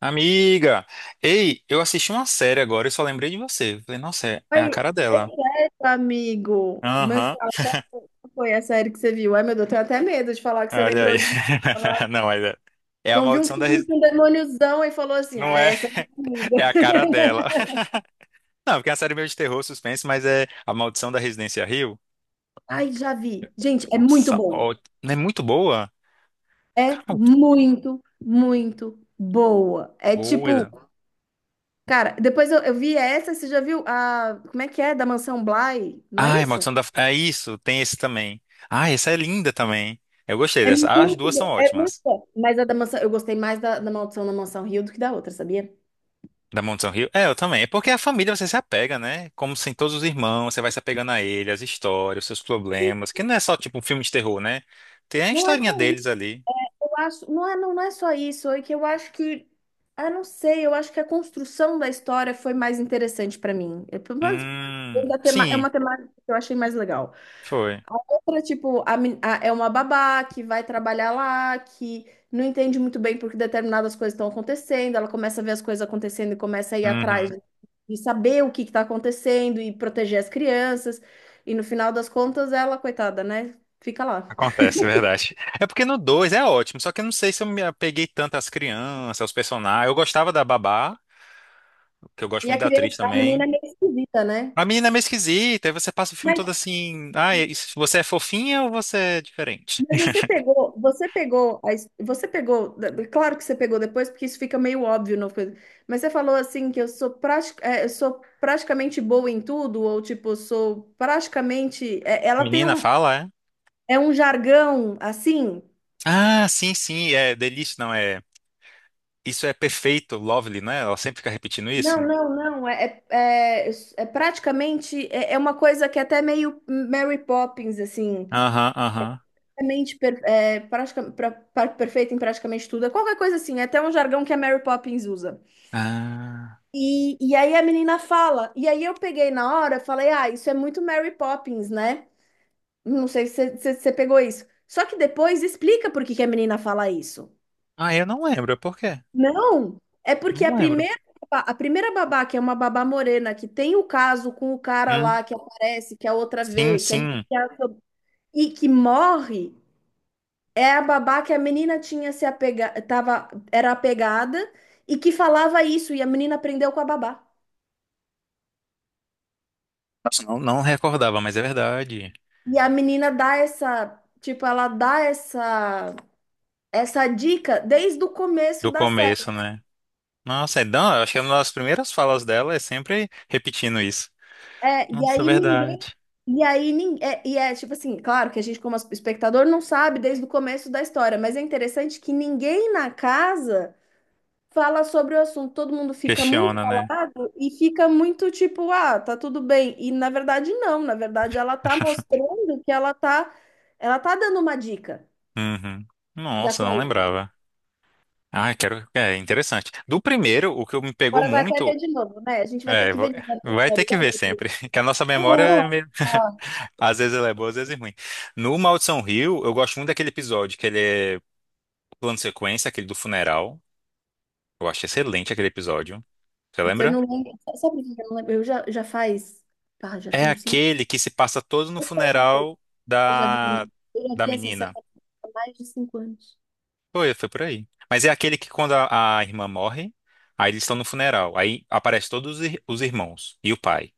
Amiga, ei, eu assisti uma série agora e só lembrei de você. Falei, nossa, é a Oi, cara dela. esse amigo, mas Aham, qual foi a série que você viu? Ai, meu Deus, eu tenho até medo de falar que você olha aí. lembrou de falar. Não, mas é, é a Não viu um maldição da. filme Res- com um demôniozão e falou assim: Não é, é a cara dela. Não, porque é uma série meio de terror, suspense, mas é a maldição da Residência Rio. ai, já vi. Gente, é muito Nossa, bom. ó, não é muito boa? É Cara, que muito, muito boa. É tipo, coisa. cara, depois eu vi essa, você já viu a, como é que é? Da Mansão Bly, não é Ah, é isso? maldição da. É isso, tem esse também. Ah, essa é linda também. Eu gostei É dessa. muito As duas são bom, é muito ótimas. bom. Mas a da mansão, eu gostei mais da Maldição da Mansão Rio do que da outra, sabia? Da Mansão Rio? É, eu também. É porque a família você se apega, né? Como sem todos os irmãos, você vai se apegando a ele, as histórias, os seus problemas. Que não é só tipo um filme de terror, né? Tem a Não é historinha deles ruim. ali. Eu acho, não é, não, não é só isso, é que eu acho que, ah, não sei, eu acho que a construção da história foi mais interessante pra mim. Eu, pelo menos, é Sim, uma temática que eu achei mais legal. foi. A outra, tipo, é uma babá que vai trabalhar lá, que não entende muito bem porque determinadas coisas estão acontecendo, ela começa a ver as coisas acontecendo e começa a ir atrás Uhum. de saber o que está acontecendo e proteger as crianças. E no final das contas, ela, coitada, né? Fica lá. Acontece, é verdade. É porque no 2 é ótimo, só que eu não sei se eu me apeguei tanto às crianças, aos personagens. Eu gostava da Babá, que eu gosto E a muito da atriz criança, a menina é também. meio esquisita, né? A menina é meio esquisita, aí você passa o filme todo assim. Ah, e se você é fofinha ou você é diferente? Mas você pegou, a his- você pegou, claro que você pegou depois, porque isso fica meio óbvio, não foi? Mas você falou assim que eu sou praticamente boa em tudo, ou tipo, sou praticamente. É, ela tem Menina, um, fala, é? é um jargão assim. Ah, sim, sim, é delícia, não é? Isso é perfeito, lovely, não é? Ela sempre fica repetindo isso. Não, não, não. É praticamente é uma coisa que é até meio Mary Poppins, assim. Aham, aham. Praticamente per, é, pratica, pra- pra- Perfeita em praticamente tudo. É qualquer coisa assim, é até um jargão que a Mary Poppins usa. Ah, E aí a menina fala, e aí eu peguei na hora, falei, ah, isso é muito Mary Poppins, né? Não sei se você pegou isso. Só que depois explica por que que a menina fala isso. ah, eu não lembro, por quê? Não, é porque a Não lembro. primeira, babá- a primeira babá, que é uma babá morena, que tem o caso com o cara Hum, lá que aparece, que a outra sim, vê, que é sim. e que morre, é a babá que a menina tinha se apega, tava, era apegada e que falava isso, e a menina aprendeu com a babá. Nossa, não, não recordava, mas é verdade. E a menina dá essa, tipo, ela dá essa dica desde o começo Do da série. começo, né? Nossa, é, eu acho que é uma das primeiras falas dela é sempre repetindo isso. É, e Nossa, é aí ninguém, verdade. e aí ninguém, é, e é tipo assim, claro que a gente como espectador não sabe desde o começo da história, mas é interessante que ninguém na casa fala sobre o assunto, todo mundo fica muito Questiona, né? calado e fica muito tipo, ah, tá tudo bem. E na verdade não, na verdade ela tá mostrando que ela tá dando uma dica Uhum. da Nossa, não coisa. lembrava. Ah, quero. É interessante. Do primeiro, o que me pegou Agora vai até muito. ver de novo, né? A gente vai ter É, que vo- ver de novo, vai ter que ver sabe? sempre. Que a nossa memória Ah, é meio... ah. às vezes ela é boa, às vezes é ruim. No Maldição Rio, eu gosto muito daquele episódio que ele é plano sequência, aquele do funeral. Eu acho excelente aquele episódio. Você Eu lembra? não lembro. Sabe por que eu não lembro? Eu já faz. Pá, já É tem uns cinco. aquele que se passa todo no Eu sei uma coisa, funeral eu já vi, da eu já da vi essa série menina. há mais de 5 anos. Foi, foi por aí. Mas é aquele que quando a irmã morre, aí eles estão no funeral. Aí aparecem todos os ir- os irmãos e o pai.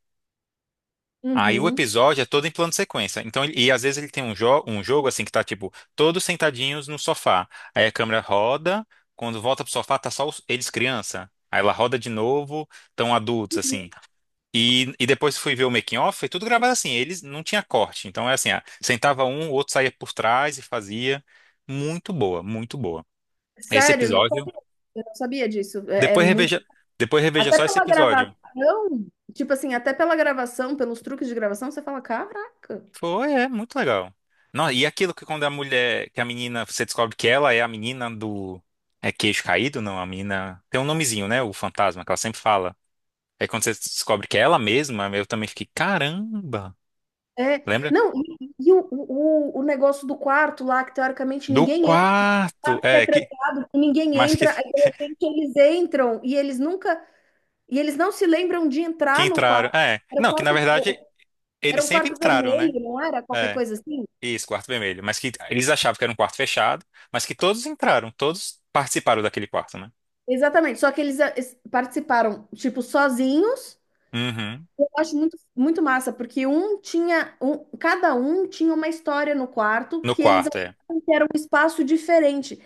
Aí o Uhum. episódio é todo em plano de sequência. Então, ele- e às vezes ele tem um, jo um jogo assim que tá tipo todos sentadinhos no sofá. Aí a câmera roda, quando volta pro sofá tá só os- eles criança. Aí ela roda de novo, tão adultos Uhum. assim. E depois fui ver o making off, foi tudo gravado assim, eles não tinha corte. Então é assim, ah, sentava um, o outro saía por trás e fazia. Muito boa, muito boa. Esse Sério, não episódio, sabia. Eu não sabia disso. É depois muito. reveja, depois reveja Até só esse pela episódio. gravação, tipo assim, até pela gravação, pelos truques de gravação, você fala, caraca. Foi, é muito legal. Não, e aquilo que quando a mulher, que a menina, você descobre que ela é a menina do. É queixo caído? Não, a menina. Tem um nomezinho, né? O fantasma, que ela sempre fala. Aí quando você descobre que é ela mesma, eu também fiquei, caramba! É. Lembra? Não, e o negócio do quarto lá, que teoricamente Do ninguém, quarto! quarto que é É, que. trancado, que ninguém Mas entra, aí de repente eles entram e eles não se lembram de que entrar no entraram. quarto. É. Era, o Não, que na quarto, verdade era eles um sempre quarto entraram, né? vermelho, não era? Qualquer É. coisa assim. Isso, quarto vermelho. Mas que eles achavam que era um quarto fechado, mas que todos entraram, todos participaram daquele quarto, né? Exatamente, só que eles participaram, tipo, sozinhos. Uhum. Eu acho muito, muito massa, porque um tinha, um, cada um tinha uma história no quarto No que eles quarto, é. achavam que era um espaço diferente.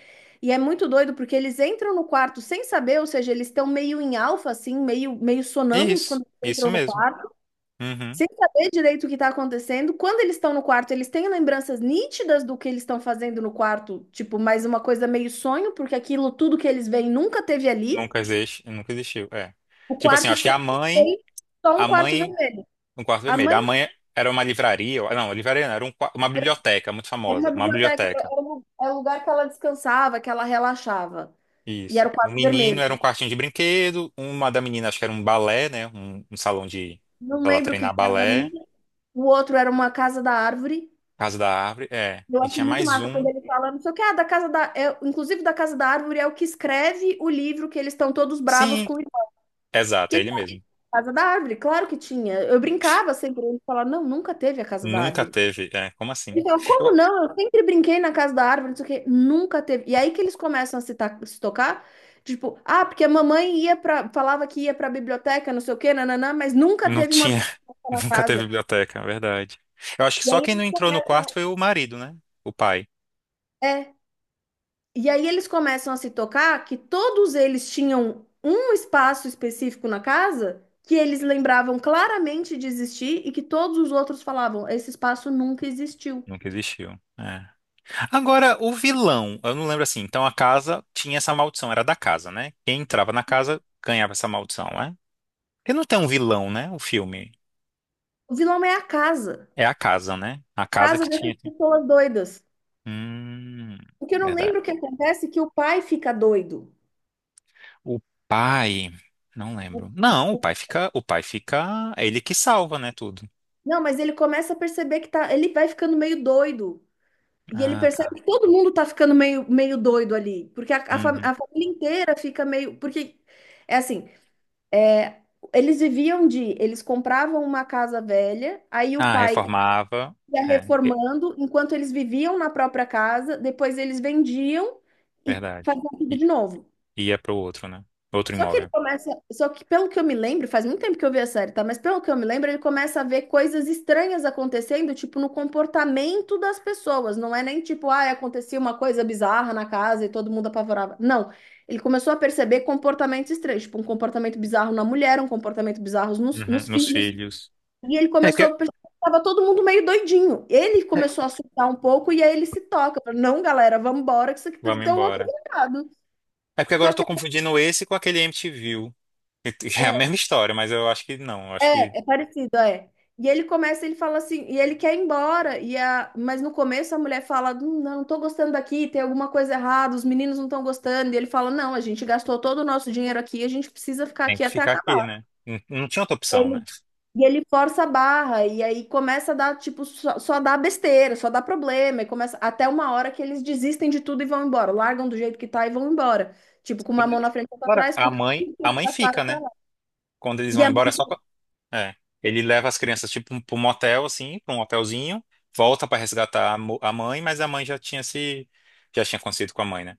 E é muito doido, porque eles entram no quarto sem saber, ou seja, eles estão meio em alfa, assim, meio, meio sonâmbulos quando Isso, eles isso entram no mesmo. quarto, Uhum. sem saber direito o que está acontecendo. Quando eles estão no quarto, eles têm lembranças nítidas do que eles estão fazendo no quarto, tipo, mais uma coisa meio sonho, porque aquilo tudo que eles veem nunca teve ali. Nunca existe, nunca existiu, é. O Tipo assim, quarto acho que sempre foi só um a quarto mãe, vermelho. um quarto A vermelho, mãe a mãe era uma livraria, ou- não, livraria não, era um qua- uma biblioteca muito era famosa, uma uma biblioteca, era biblioteca, era o era o lugar que ela descansava, que ela relaxava. E isso. era o O quarto menino vermelho. era um quartinho de brinquedo, uma da menina acho que era um balé, né, um salão de, Não pra ela lembro o que treinar que era da balé, menina. O outro era uma casa da árvore. Casa da Árvore, é. Eu E acho tinha muito mais massa quando um, ele fala, não sei o que, ah, da casa da, é, inclusive da Casa da Árvore é o que escreve o livro que eles estão todos bravos sim, com o irmão. Que exato, é ele ele fala, mesmo. Casa da Árvore, claro que tinha. Eu brincava sempre, ele falava, não, nunca teve a Casa da Nunca Árvore. teve, é, como Ele assim? fala, como Eu, não? Eu sempre brinquei na Casa da Árvore, não sei o que, nunca teve. E aí que eles começam a se tocar, tipo, ah, porque a mamãe ia para, falava que ia para a biblioteca, não sei o que, nananã, mas nunca não teve uma tinha. biblioteca na Nunca teve casa. biblioteca, é verdade. Eu acho que E só aí quem não eles entrou no quarto começam, foi o marido, né? O pai. é, E aí eles começam a se tocar que todos eles tinham um espaço específico na casa que eles lembravam claramente de existir e que todos os outros falavam, esse espaço nunca existiu. Nunca existiu. É. Agora, o vilão, eu não lembro assim. Então a casa tinha essa maldição, era da casa, né? Quem entrava na casa ganhava essa maldição, né? Porque não tem um vilão, né? O filme. O vilão é É a casa, né? A a casa casa que dessas tinha. pessoas doidas. Hum, Porque eu não verdade. lembro o que acontece é que o pai fica doido. O pai. Não O- lembro. Não, o pai fica. O pai fica. É ele que salva, né? Tudo. Não, mas ele começa a perceber que tá, ele vai ficando meio doido. E ele Ah, percebe tá. que todo mundo tá ficando meio, meio doido ali. Porque a, a fam- Uhum. a família inteira fica meio. Porque é assim. Eles viviam de, eles compravam uma casa velha, aí o Ah, pai reformava. ia É. reformando, enquanto eles viviam na própria casa, depois eles vendiam e Verdade. faziam tudo I- de novo. ia pro outro, né? Outro Só que ele imóvel. começa, só que pelo que eu me lembro, faz muito tempo que eu vi a série, tá? Mas pelo que eu me lembro, ele começa a ver coisas estranhas acontecendo, tipo no comportamento das pessoas. Não é nem tipo, ah, acontecia uma coisa bizarra na casa e todo mundo apavorava. Não. Ele começou a perceber comportamentos estranhos, tipo um comportamento bizarro na mulher, um comportamento bizarro nos, Uhum. nos Nos filhos. filhos. E ele É começou porque... a perceber que estava todo mundo meio doidinho. Ele é, começou a assustar um pouco e aí ele se toca. Falou, não, galera, vamos embora, que isso aqui vamos deu um embora. errado. É porque agora Só eu que tô confundindo esse com aquele MTV. E é é, é, a mesma história, mas eu acho que não. Eu acho que é parecido, é. E ele começa, ele fala assim, e ele quer ir embora, mas no começo a mulher fala, não, não tô gostando daqui, tem alguma coisa errada, os meninos não estão gostando". E ele fala, não, a gente gastou todo o nosso dinheiro aqui, a gente precisa ficar tem aqui que até ficar aqui, acabar. né? Não não tinha outra opção, né? Ele E ele força a barra, e aí começa a dar, tipo, só dá besteira, só dá problema, e começa até uma hora que eles desistem de tudo e vão embora, largam do jeito que tá e vão embora. Tipo, com uma mão Ele- na frente e outra Ora, atrás, a porque. mãe, a mãe fica, né? Quando eles E vão a embora, é mãe- só. Co- É. Ele leva as crianças, tipo, pra um motel, assim, pra um hotelzinho, volta pra resgatar a mo- a mãe, mas a mãe já tinha se. Já tinha acontecido com a mãe, né?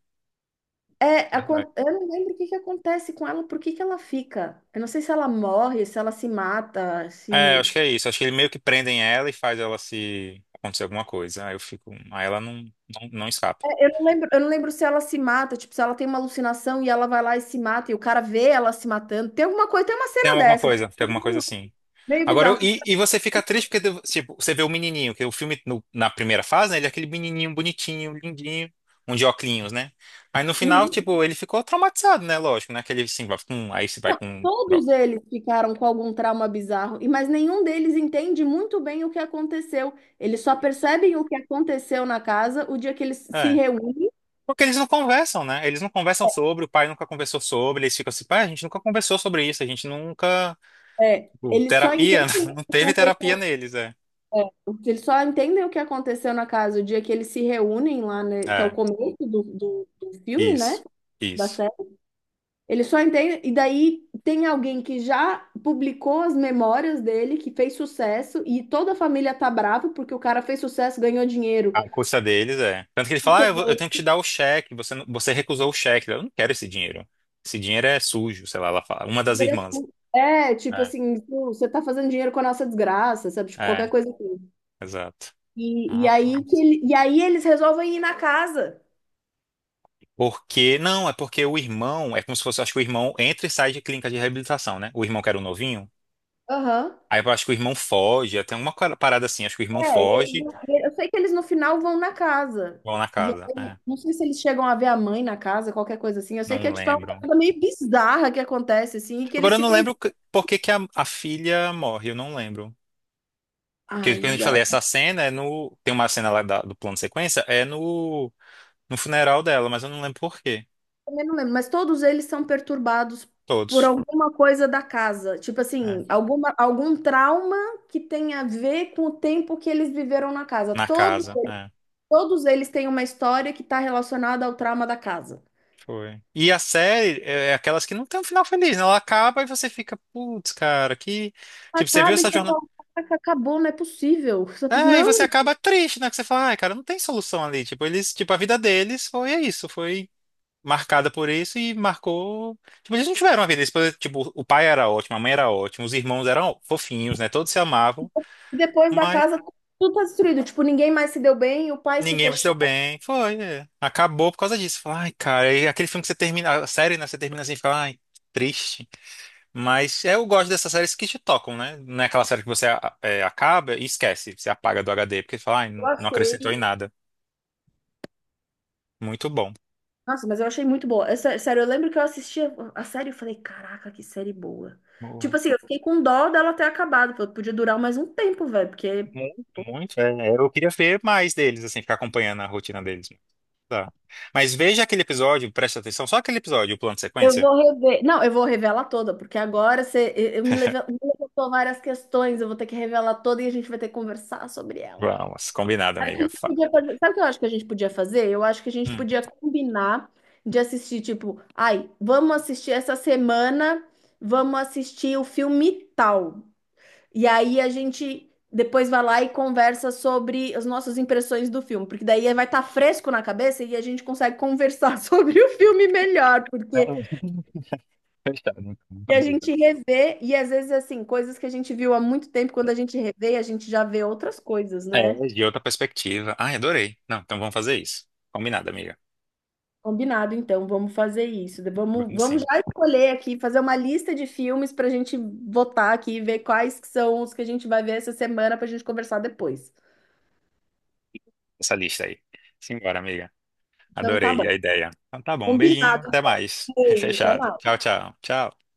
é, acon- eu não lembro o que que acontece com ela, por que que ela fica? Eu não sei se ela morre, se ela se mata, É, eu se. acho que é isso. Acho que eles meio que prendem ela e faz ela se acontecer alguma coisa. Aí eu fico. Aí ela não, não, não escapa. É, eu não lembro se ela se mata, tipo, se ela tem uma alucinação e ela vai lá e se mata, e o cara vê ela se matando. Tem alguma coisa, tem uma cena dessa, Tem alguma coisa assim. meio Agora, eu- bizarro. e você fica triste porque, tipo, você vê o menininho, que o filme, no- na primeira fase, né, ele é aquele menininho bonitinho, lindinho, um de óculos, né? Aí no final, Uhum. tipo, ele ficou traumatizado, né? Lógico, né? Que ele, assim, vai com, aí você vai Não, com droga. todos eles ficaram com algum trauma bizarro, e mas nenhum deles entende muito bem o que aconteceu. Eles só percebem o que aconteceu na casa o dia que eles se É. reúnem. Porque eles não conversam, né? Eles não conversam sobre, o pai nunca conversou sobre, eles ficam assim, pai, a gente nunca conversou sobre isso, a gente nunca. É, O eles só Terapia? entendem Não o que teve terapia aconteceu, neles, é. eles só entendem o que aconteceu na casa o dia que eles se reúnem lá, né, que é o É, começo do filme, né? isso, Da isso. série. Eles só entendem, e daí tem alguém que já publicou as memórias dele, que fez sucesso, e toda a família tá brava porque o cara fez sucesso, ganhou dinheiro. A custa deles é. Tanto que ele fala, ah, eu, vou- eu tenho que te dar o cheque, você, não- você recusou o cheque. Eu não quero esse dinheiro. Esse dinheiro é sujo, sei lá, ela fala. Uma das irmãs. Interessante. É, tipo É, assim, pô, você tá fazendo dinheiro com a nossa desgraça, sabe? Tipo, é, qualquer coisa assim. exato. E, e aí que Nossa. ele, e aí eles resolvem ir na casa. Porque, não, é porque o irmão, é como se fosse, eu acho que o irmão entra e sai de clínica de reabilitação, né? O irmão que era o novinho. Aham. Aí eu acho que o irmão foge, até uma parada assim, acho que o irmão É, foge, eu sei que eles no final vão na casa. vão na E casa. aí, É, não sei se eles chegam a ver a mãe na casa, qualquer coisa assim. Eu sei que não é tipo uma lembro. coisa meio bizarra que acontece, assim, e que eles Agora eu se não lembro conversam. que- por que que a filha morre, eu não lembro. Porque, como eu te Ai, falei, essa cena é no. Tem uma cena lá da- do plano de sequência, é no, no funeral dela, mas eu não lembro por quê. também não lembro, mas todos eles são perturbados por Todos. alguma coisa da casa. Tipo assim, É. alguma, algum trauma que tem a ver com o tempo que eles viveram na casa. Na Todos, casa, é. todos eles têm uma história que está relacionada ao trauma da casa. Foi. E a série é aquelas que não tem um final feliz, né? Ela acaba e você fica, putz, cara, que. Tipo, você viu Acabe essa com jornada. caraca, acabou, não é possível. Sabe? É, e você Não, acaba triste, né? Que você fala, ai, cara, não tem solução ali. Tipo, eles, tipo, a vida deles foi é isso, foi. Marcada por isso e marcou. Tipo, eles não tiveram uma vida. Eles, tipo, o pai era ótimo, a mãe era ótima, os irmãos eram fofinhos, né? Todos se amavam, e depois da mas casa tudo tá destruído. Tipo, ninguém mais se deu bem, o pai se ninguém mais se deu fechou, bem. Foi, é. Acabou por causa disso. Fala, ai, cara, e aquele filme que você termina, a série, né? Você termina assim e fica, ai, triste. Mas é, eu gosto dessas séries que te tocam, né? Não é aquela série que você a- é, acaba e esquece, você apaga do HD, porque fala, ai, eu não, não acrescentou em achei. nada. Muito bom. Nossa, mas eu achei muito boa. Sério, eu lembro que eu assistia a série e falei, caraca, que série boa. Tipo Boa. assim, eu fiquei com dó dela ter acabado, porque podia durar mais um tempo, velho, porque Muito, muito. É, eu queria ver mais deles, assim, ficar acompanhando a rotina deles. Tá. Mas veja aquele episódio, preste atenção, só aquele episódio, o plano de eu sequência. vou rever. Não, eu vou revelar toda, porque agora você eu me leve- me levantou várias questões, eu vou ter que revelar toda e a gente vai ter que conversar sobre ela. Vamos, combinado, amiga. Fa- Sabe o que eu acho que a gente podia fazer? Eu acho que a gente Hum. podia combinar de assistir, tipo, ai, vamos assistir essa semana, vamos assistir o filme tal. E aí a gente depois vai lá e conversa sobre as nossas impressões do filme, porque daí vai estar fresco na cabeça e a gente consegue conversar sobre o filme melhor, porque Fechado, né? Vamos e a fazer isso. gente revê, e às vezes assim, coisas que a gente viu há muito tempo, quando a gente revê, a gente já vê outras coisas, É, né? de outra perspectiva. Ai, adorei. Não, então vamos fazer isso. Combinado, amiga. Combinado, então, vamos fazer isso. Vamos, Vamos vamos sim. já escolher aqui, fazer uma lista de filmes para a gente votar aqui e ver quais que são os que a gente vai ver essa semana para a gente conversar depois. Essa lista aí. Simbora, amiga. Então, tá Adorei bom. a ideia. Então tá bom, um beijinho, Combinado. até mais. Beijo, até Fechado. mais. Tchau, tchau. Tchau.